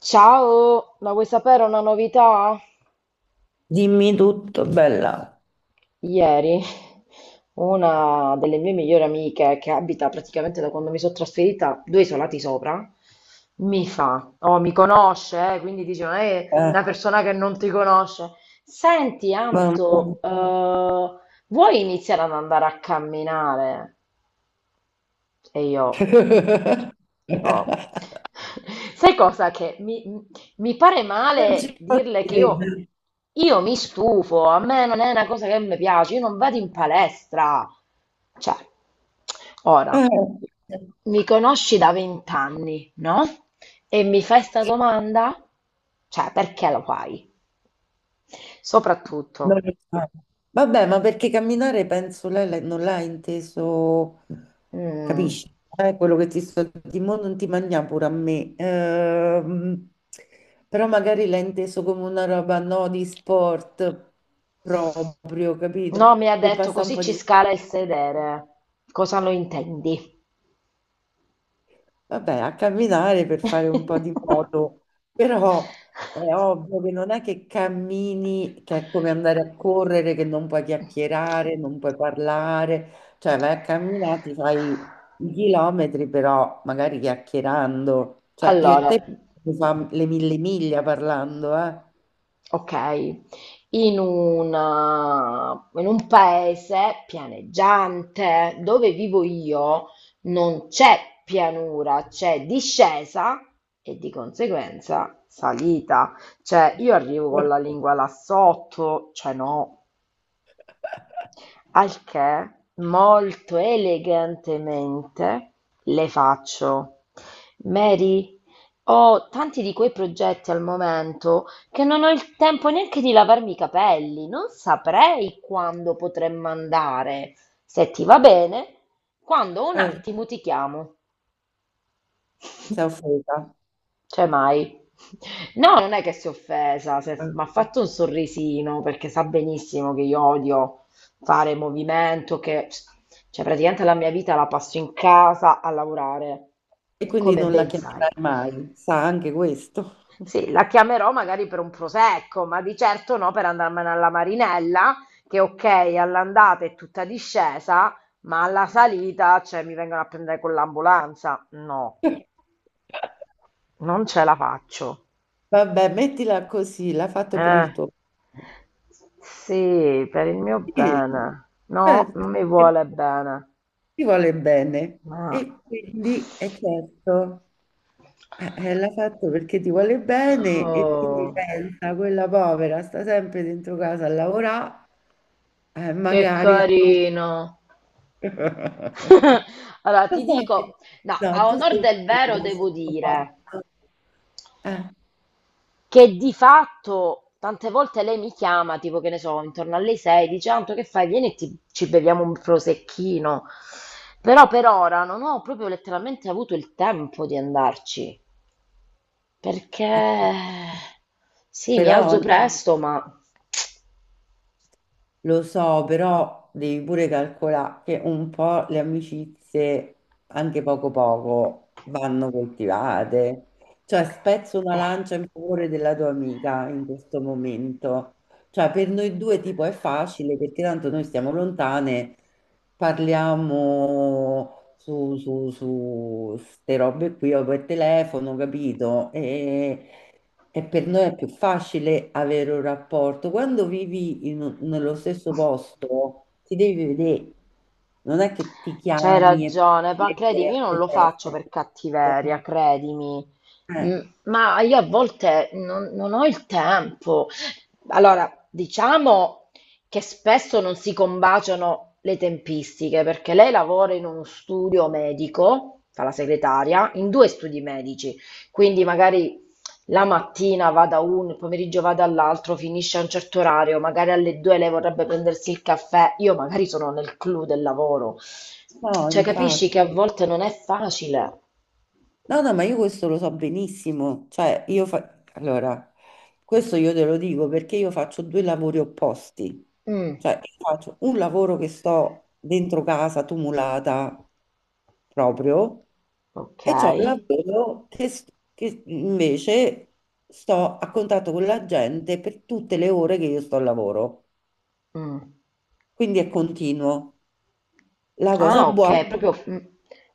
Ciao, ma vuoi sapere una novità? Dimmi tutto, bella. Ieri una delle mie migliori amiche, che abita praticamente da quando mi sono trasferita due isolati sopra, mi fa, oh, mi conosce, quindi dice, non è Eh, una persona che non ti conosce. Senti, ma- Anto, vuoi iniziare ad andare a camminare? E io, tipo, sai cosa? Che mi pare Non ci male posso dirle che io, credere. io mi stufo, a me non è una cosa che mi piace, io non vado in palestra. Cioè, ora, Eh, mi conosci da vent'anni, no? E mi fai sta domanda? Cioè, perché lo fai? non Soprattutto, lo so. Vabbè, ma perché camminare penso lei non l'ha inteso, mm, capisci? Quello che ti sto dicendo non ti mangia pure a me. Però magari l'ha inteso come una roba no di sport proprio, capito? no, mi ha Che detto passa un così po' ci di... scala il sedere. Cosa lo intendi? Vabbè, a camminare per fare un po' di moto, però è ovvio che non è che cammini, che è come andare a correre, che non puoi chiacchierare, non puoi parlare, cioè vai a camminare, ti fai i chilometri, però magari chiacchierando, cioè io e Allora, te mi fa le mille miglia parlando, eh? ok, in un paese pianeggiante dove vivo io non c'è pianura, c'è discesa e di conseguenza salita. Cioè, io arrivo con la lingua là sotto, cioè no. Al che, molto elegantemente, le faccio: Mary, ho tanti di quei progetti al momento che non ho il tempo neanche di lavarmi i capelli. Non saprei quando potremmo andare. Se ti va bene, quando ho un Eh, attimo ti chiamo. sei offesa. Cioè mai. No, non è che si è offesa, Eh. Ma ha fatto un sorrisino perché sa benissimo che io odio fare movimento, che cioè praticamente la mia vita la passo in casa a lavorare, E quindi come non la ben sai. chiamerai mai, sa anche questo. Sì, la chiamerò magari per un prosecco, ma di certo no per andarmene alla Marinella, che ok, all'andata è tutta discesa, ma alla salita, cioè, mi vengono a prendere con l'ambulanza. No, non ce la faccio. Vabbè, mettila così, l'ha fatto per Eh, il tuo bene. sì, per il mio Sì, bene. No, certo, non mi che vuole bene. ti vuole bene. Ma. E quindi è certo, l'ha fatto perché ti vuole bene e quindi Oh, pensa, quella povera sta sempre dentro casa a lavorare, che magari... carino. Lo Allora, ti sai dico, no, no, a tu onor sei... del vero figa, devo sono dire fatta. Eh, che di fatto tante volte lei mi chiama, tipo che ne so, intorno alle 6, dice Anto, che fai? Vieni e ci beviamo un prosecchino. Però per ora non ho proprio letteralmente avuto il tempo di andarci. Perché eh, sì, mi alzo però presto, ma lo so, però devi pure calcolare che un po' le amicizie, anche poco poco, vanno coltivate. Cioè, spezzo una eh, lancia in favore della tua amica in questo momento. Cioè, per noi due tipo è facile perché tanto noi stiamo lontane, parliamo su ste robe qui o per telefono, capito? E per noi è più facile avere un rapporto. Quando vivi in nello stesso posto, ti devi vedere. Non è che ti c'hai chiami e ragione, ti ma leggere credimi, a io non te lo faccio testa. per cattiveria, credimi. Mm, Eh, Ma io a volte non ho il tempo. Allora, diciamo che spesso non si combaciano le tempistiche, perché lei lavora in uno studio medico, fa la segretaria, in due studi medici, quindi magari la mattina va da uno, il pomeriggio va dall'altro, finisce a un certo orario, magari alle 2 lei vorrebbe prendersi il caffè, io magari sono nel clou del lavoro. no, Cioè, capisci che a infatti. volte non è facile. No, no, ma io questo lo so benissimo. Cioè, io fa... Allora, questo io te lo dico perché io faccio due lavori opposti. Mm, Cioè, io faccio un lavoro che sto dentro casa, tumulata, proprio, ok. e c'ho un lavoro che invece sto a contatto con la gente per tutte le ore che io sto al lavoro. Mm. Quindi è continuo. La cosa Ah, ok, buona. quindi proprio,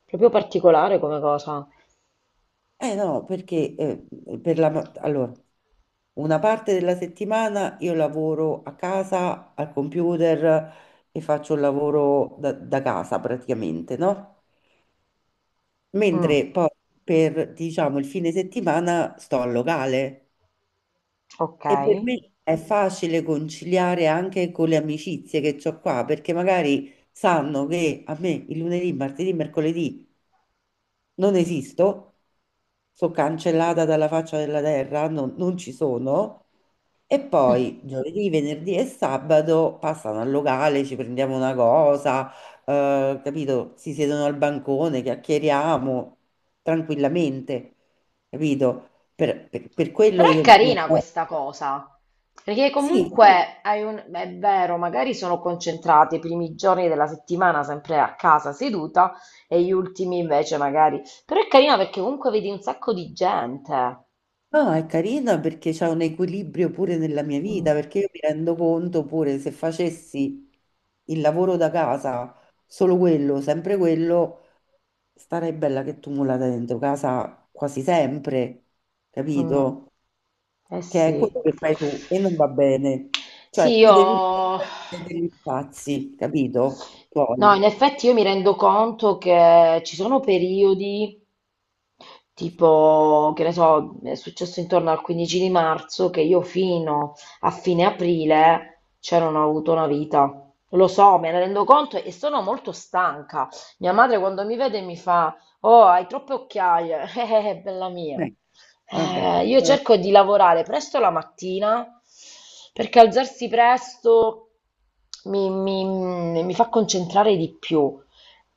proprio particolare come cosa. Eh no, no, perché allora, una parte della settimana io lavoro a casa al computer e faccio il lavoro da casa praticamente, no? Mm, Mentre poi per, diciamo, il fine settimana sto al locale ok. e per me è facile conciliare anche con le amicizie che ho qua, perché magari sanno che a me il lunedì, martedì, mercoledì non esisto, sono cancellata dalla faccia della terra, non ci sono. E poi Mm. Già. Giovedì, venerdì e sabato passano al locale, ci prendiamo una cosa, capito? Si siedono al bancone, chiacchieriamo tranquillamente, capito? Per Però quello è io non... carina questa cosa, perché sì, Sì, comunque hai è vero, magari sono concentrati i primi giorni della settimana sempre a casa seduta e gli ultimi invece magari. Però è carina perché comunque vedi un sacco di gente. no, è carina perché c'è un equilibrio pure nella mia Mm, vita, perché io mi rendo conto pure se facessi il lavoro da casa, solo quello, sempre quello, starei bella che tumulata dentro casa quasi sempre, mm. capito? Eh Che è quello sì. che fai tu e non va bene. Cioè, Sì, ti devi io. perdere degli spazi, capito? No, in Poi, effetti io mi rendo conto che ci sono periodi tipo, che ne so, è successo intorno al 15 di marzo che io fino a fine aprile cioè non ho avuto una vita. Lo so, me ne rendo conto e sono molto stanca. Mia madre quando mi vede mi fa, oh, hai troppe occhiaie, bella mia. eh, vabbè. Io cerco di lavorare presto la mattina perché alzarsi presto mi fa concentrare di più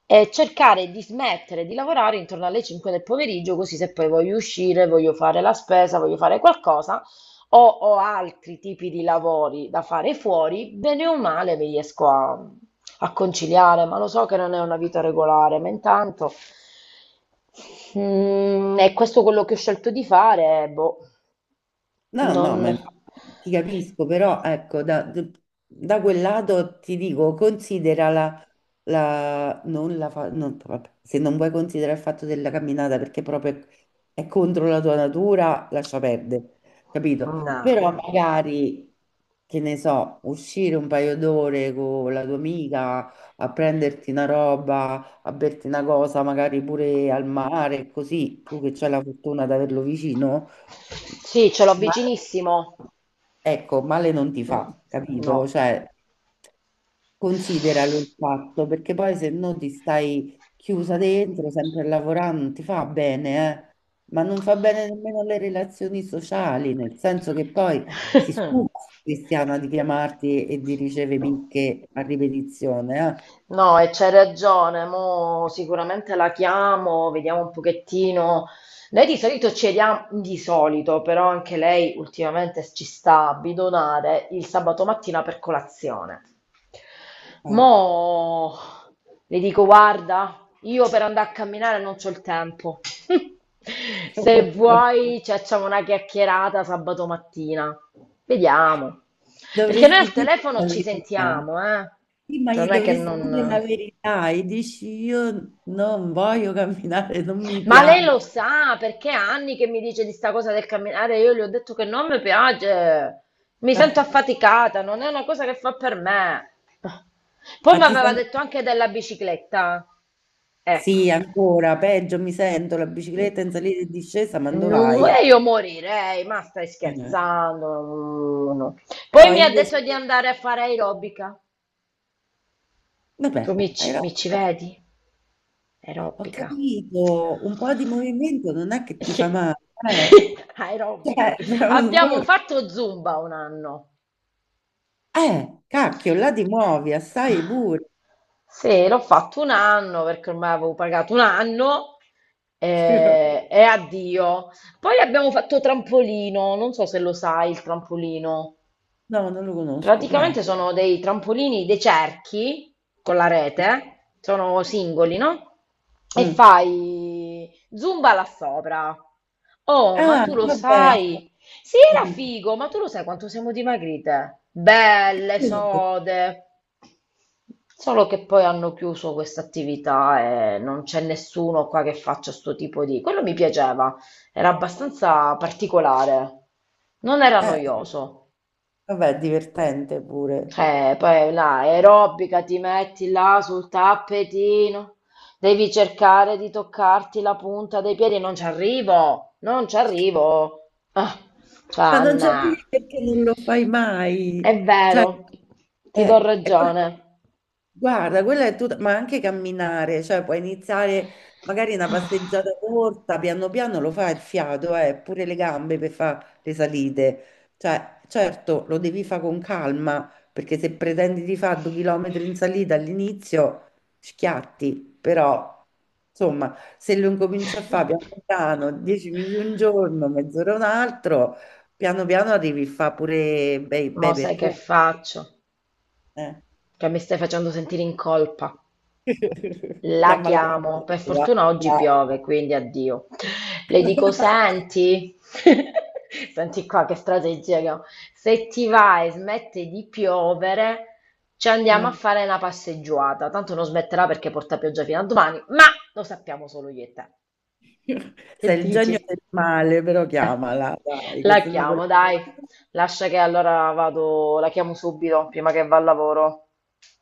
e cercare di smettere di lavorare intorno alle 5 del pomeriggio, così se poi voglio uscire, voglio fare la spesa, voglio fare qualcosa o ho altri tipi di lavori da fare fuori, bene o male mi riesco a conciliare, ma lo so che non è una vita regolare, ma intanto è questo quello che ho scelto di fare, boh, No, no, no, ma non. infatti ti capisco, però ecco, da quel lato ti dico, considera la, non la fa, vabbè, se non vuoi considerare il fatto della camminata perché proprio è, contro la tua natura, lascia perdere, capito? Però No. magari, che ne so, uscire un paio d'ore con la tua amica a prenderti una roba, a berti una cosa, magari pure al mare, così tu che c'hai la fortuna di averlo vicino, Sì, ce l'ho male- vicinissimo. ecco, male non ti Mm, fa, capito? no. Cioè. Consideralo il fatto, perché poi se no ti stai chiusa dentro, sempre a lavorare, non ti fa bene, eh. Ma non fa bene nemmeno alle relazioni sociali, nel senso che poi si stufa sta Cristiana di chiamarti e di ricevere picche a ripetizione, No, e c'hai ragione, mo sicuramente la chiamo, vediamo un pochettino. Noi di solito ci vediamo, di solito, però anche lei ultimamente ci sta a bidonare il sabato mattina per colazione. eh. Mo le dico, guarda, io per andare a camminare non c'ho il tempo. Se vuoi ci facciamo una chiacchierata sabato mattina. Vediamo. Perché noi al Dovresti dire telefono la ci verità. sentiamo, eh? Sì, ma Cioè gli non è che dovresti dire la non. verità e dici io non voglio camminare, non mi Ma lei piace. lo sa perché è anni che mi dice di sta cosa del camminare, io gli ho detto che non mi piace, mi sento affaticata, non è una cosa che fa per me. Poi mi Ma ti aveva senti detto anche della bicicletta. Ecco, sì, ancora, peggio, mi sento la bicicletta in salita e discesa, ma dove non, vai? e io morirei, ma stai Eh, scherzando. No, no, no. Poi Però mi ha invece, detto di andare a fare aerobica. Tu vabbè, mi ci hai mi ci ragione. vedi? Ho Aerobica. capito, un po' di movimento non è che ti fa male, eh, Aerobica. cioè, Abbiamo fatto Zumba un anno. Cacchio, là ti muovi, assai pure. Sì, l'ho fatto un anno perché ormai avevo pagato un anno e addio. Poi abbiamo fatto trampolino, non so se lo sai il trampolino. No, non lo conosco, che è? Praticamente sono dei trampolini, dei cerchi con la Eh. rete, sono singoli, no? E Mm. fai zumba là sopra. Oh, ma Ah, tu lo vabbè, ho sai? Sì, era capito. figo, ma tu lo sai quanto siamo dimagrite? Belle, sode. Solo che poi hanno chiuso questa attività e non c'è nessuno qua che faccia sto tipo di. Quello mi piaceva, era abbastanza particolare, non era Eh, noioso. vabbè, è divertente pure. Poi la aerobica ti metti là sul tappetino, devi cercare di toccarti la punta dei piedi, non ci arrivo, non ci arrivo. Ah, Ma non c'è Anna, perché non lo fai mai. è Cioè, vero, ti do eh, ragione. guarda, quella è tutta, ma anche camminare, cioè puoi iniziare magari una passeggiata corta, piano piano lo fa il fiato, pure le gambe per fare le salite. Cioè, certo, lo devi fare con calma, perché se pretendi di fare 2 chilometri in salita all'inizio, schiatti, però, insomma, se lo incominci a fare piano piano, 10 minuti un giorno, mezz'ora un altro, piano piano arrivi a fare pure bei, bei Mo sai che percorsi. faccio? Eh. Che mi stai facendo sentire in colpa. La Chiama la chiamo, per cattiva, fortuna oggi dai. piove, quindi addio. Le dico, senti, senti qua che strategia che ho. Se ti va e smette di piovere, ci andiamo Eh. a fare una passeggiata. Tanto non smetterà perché porta pioggia fino a domani, ma lo sappiamo solo io e te. Che Sei il genio dici? del male, però Ecco, chiamala, dai, che la sennò quella... chiamo, dai. Lascia che allora vado, la chiamo subito, prima che va al lavoro.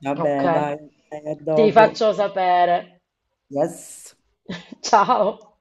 Vabbè, Ok? dai, a Ti dopo. faccio sapere. Yes. Ciao.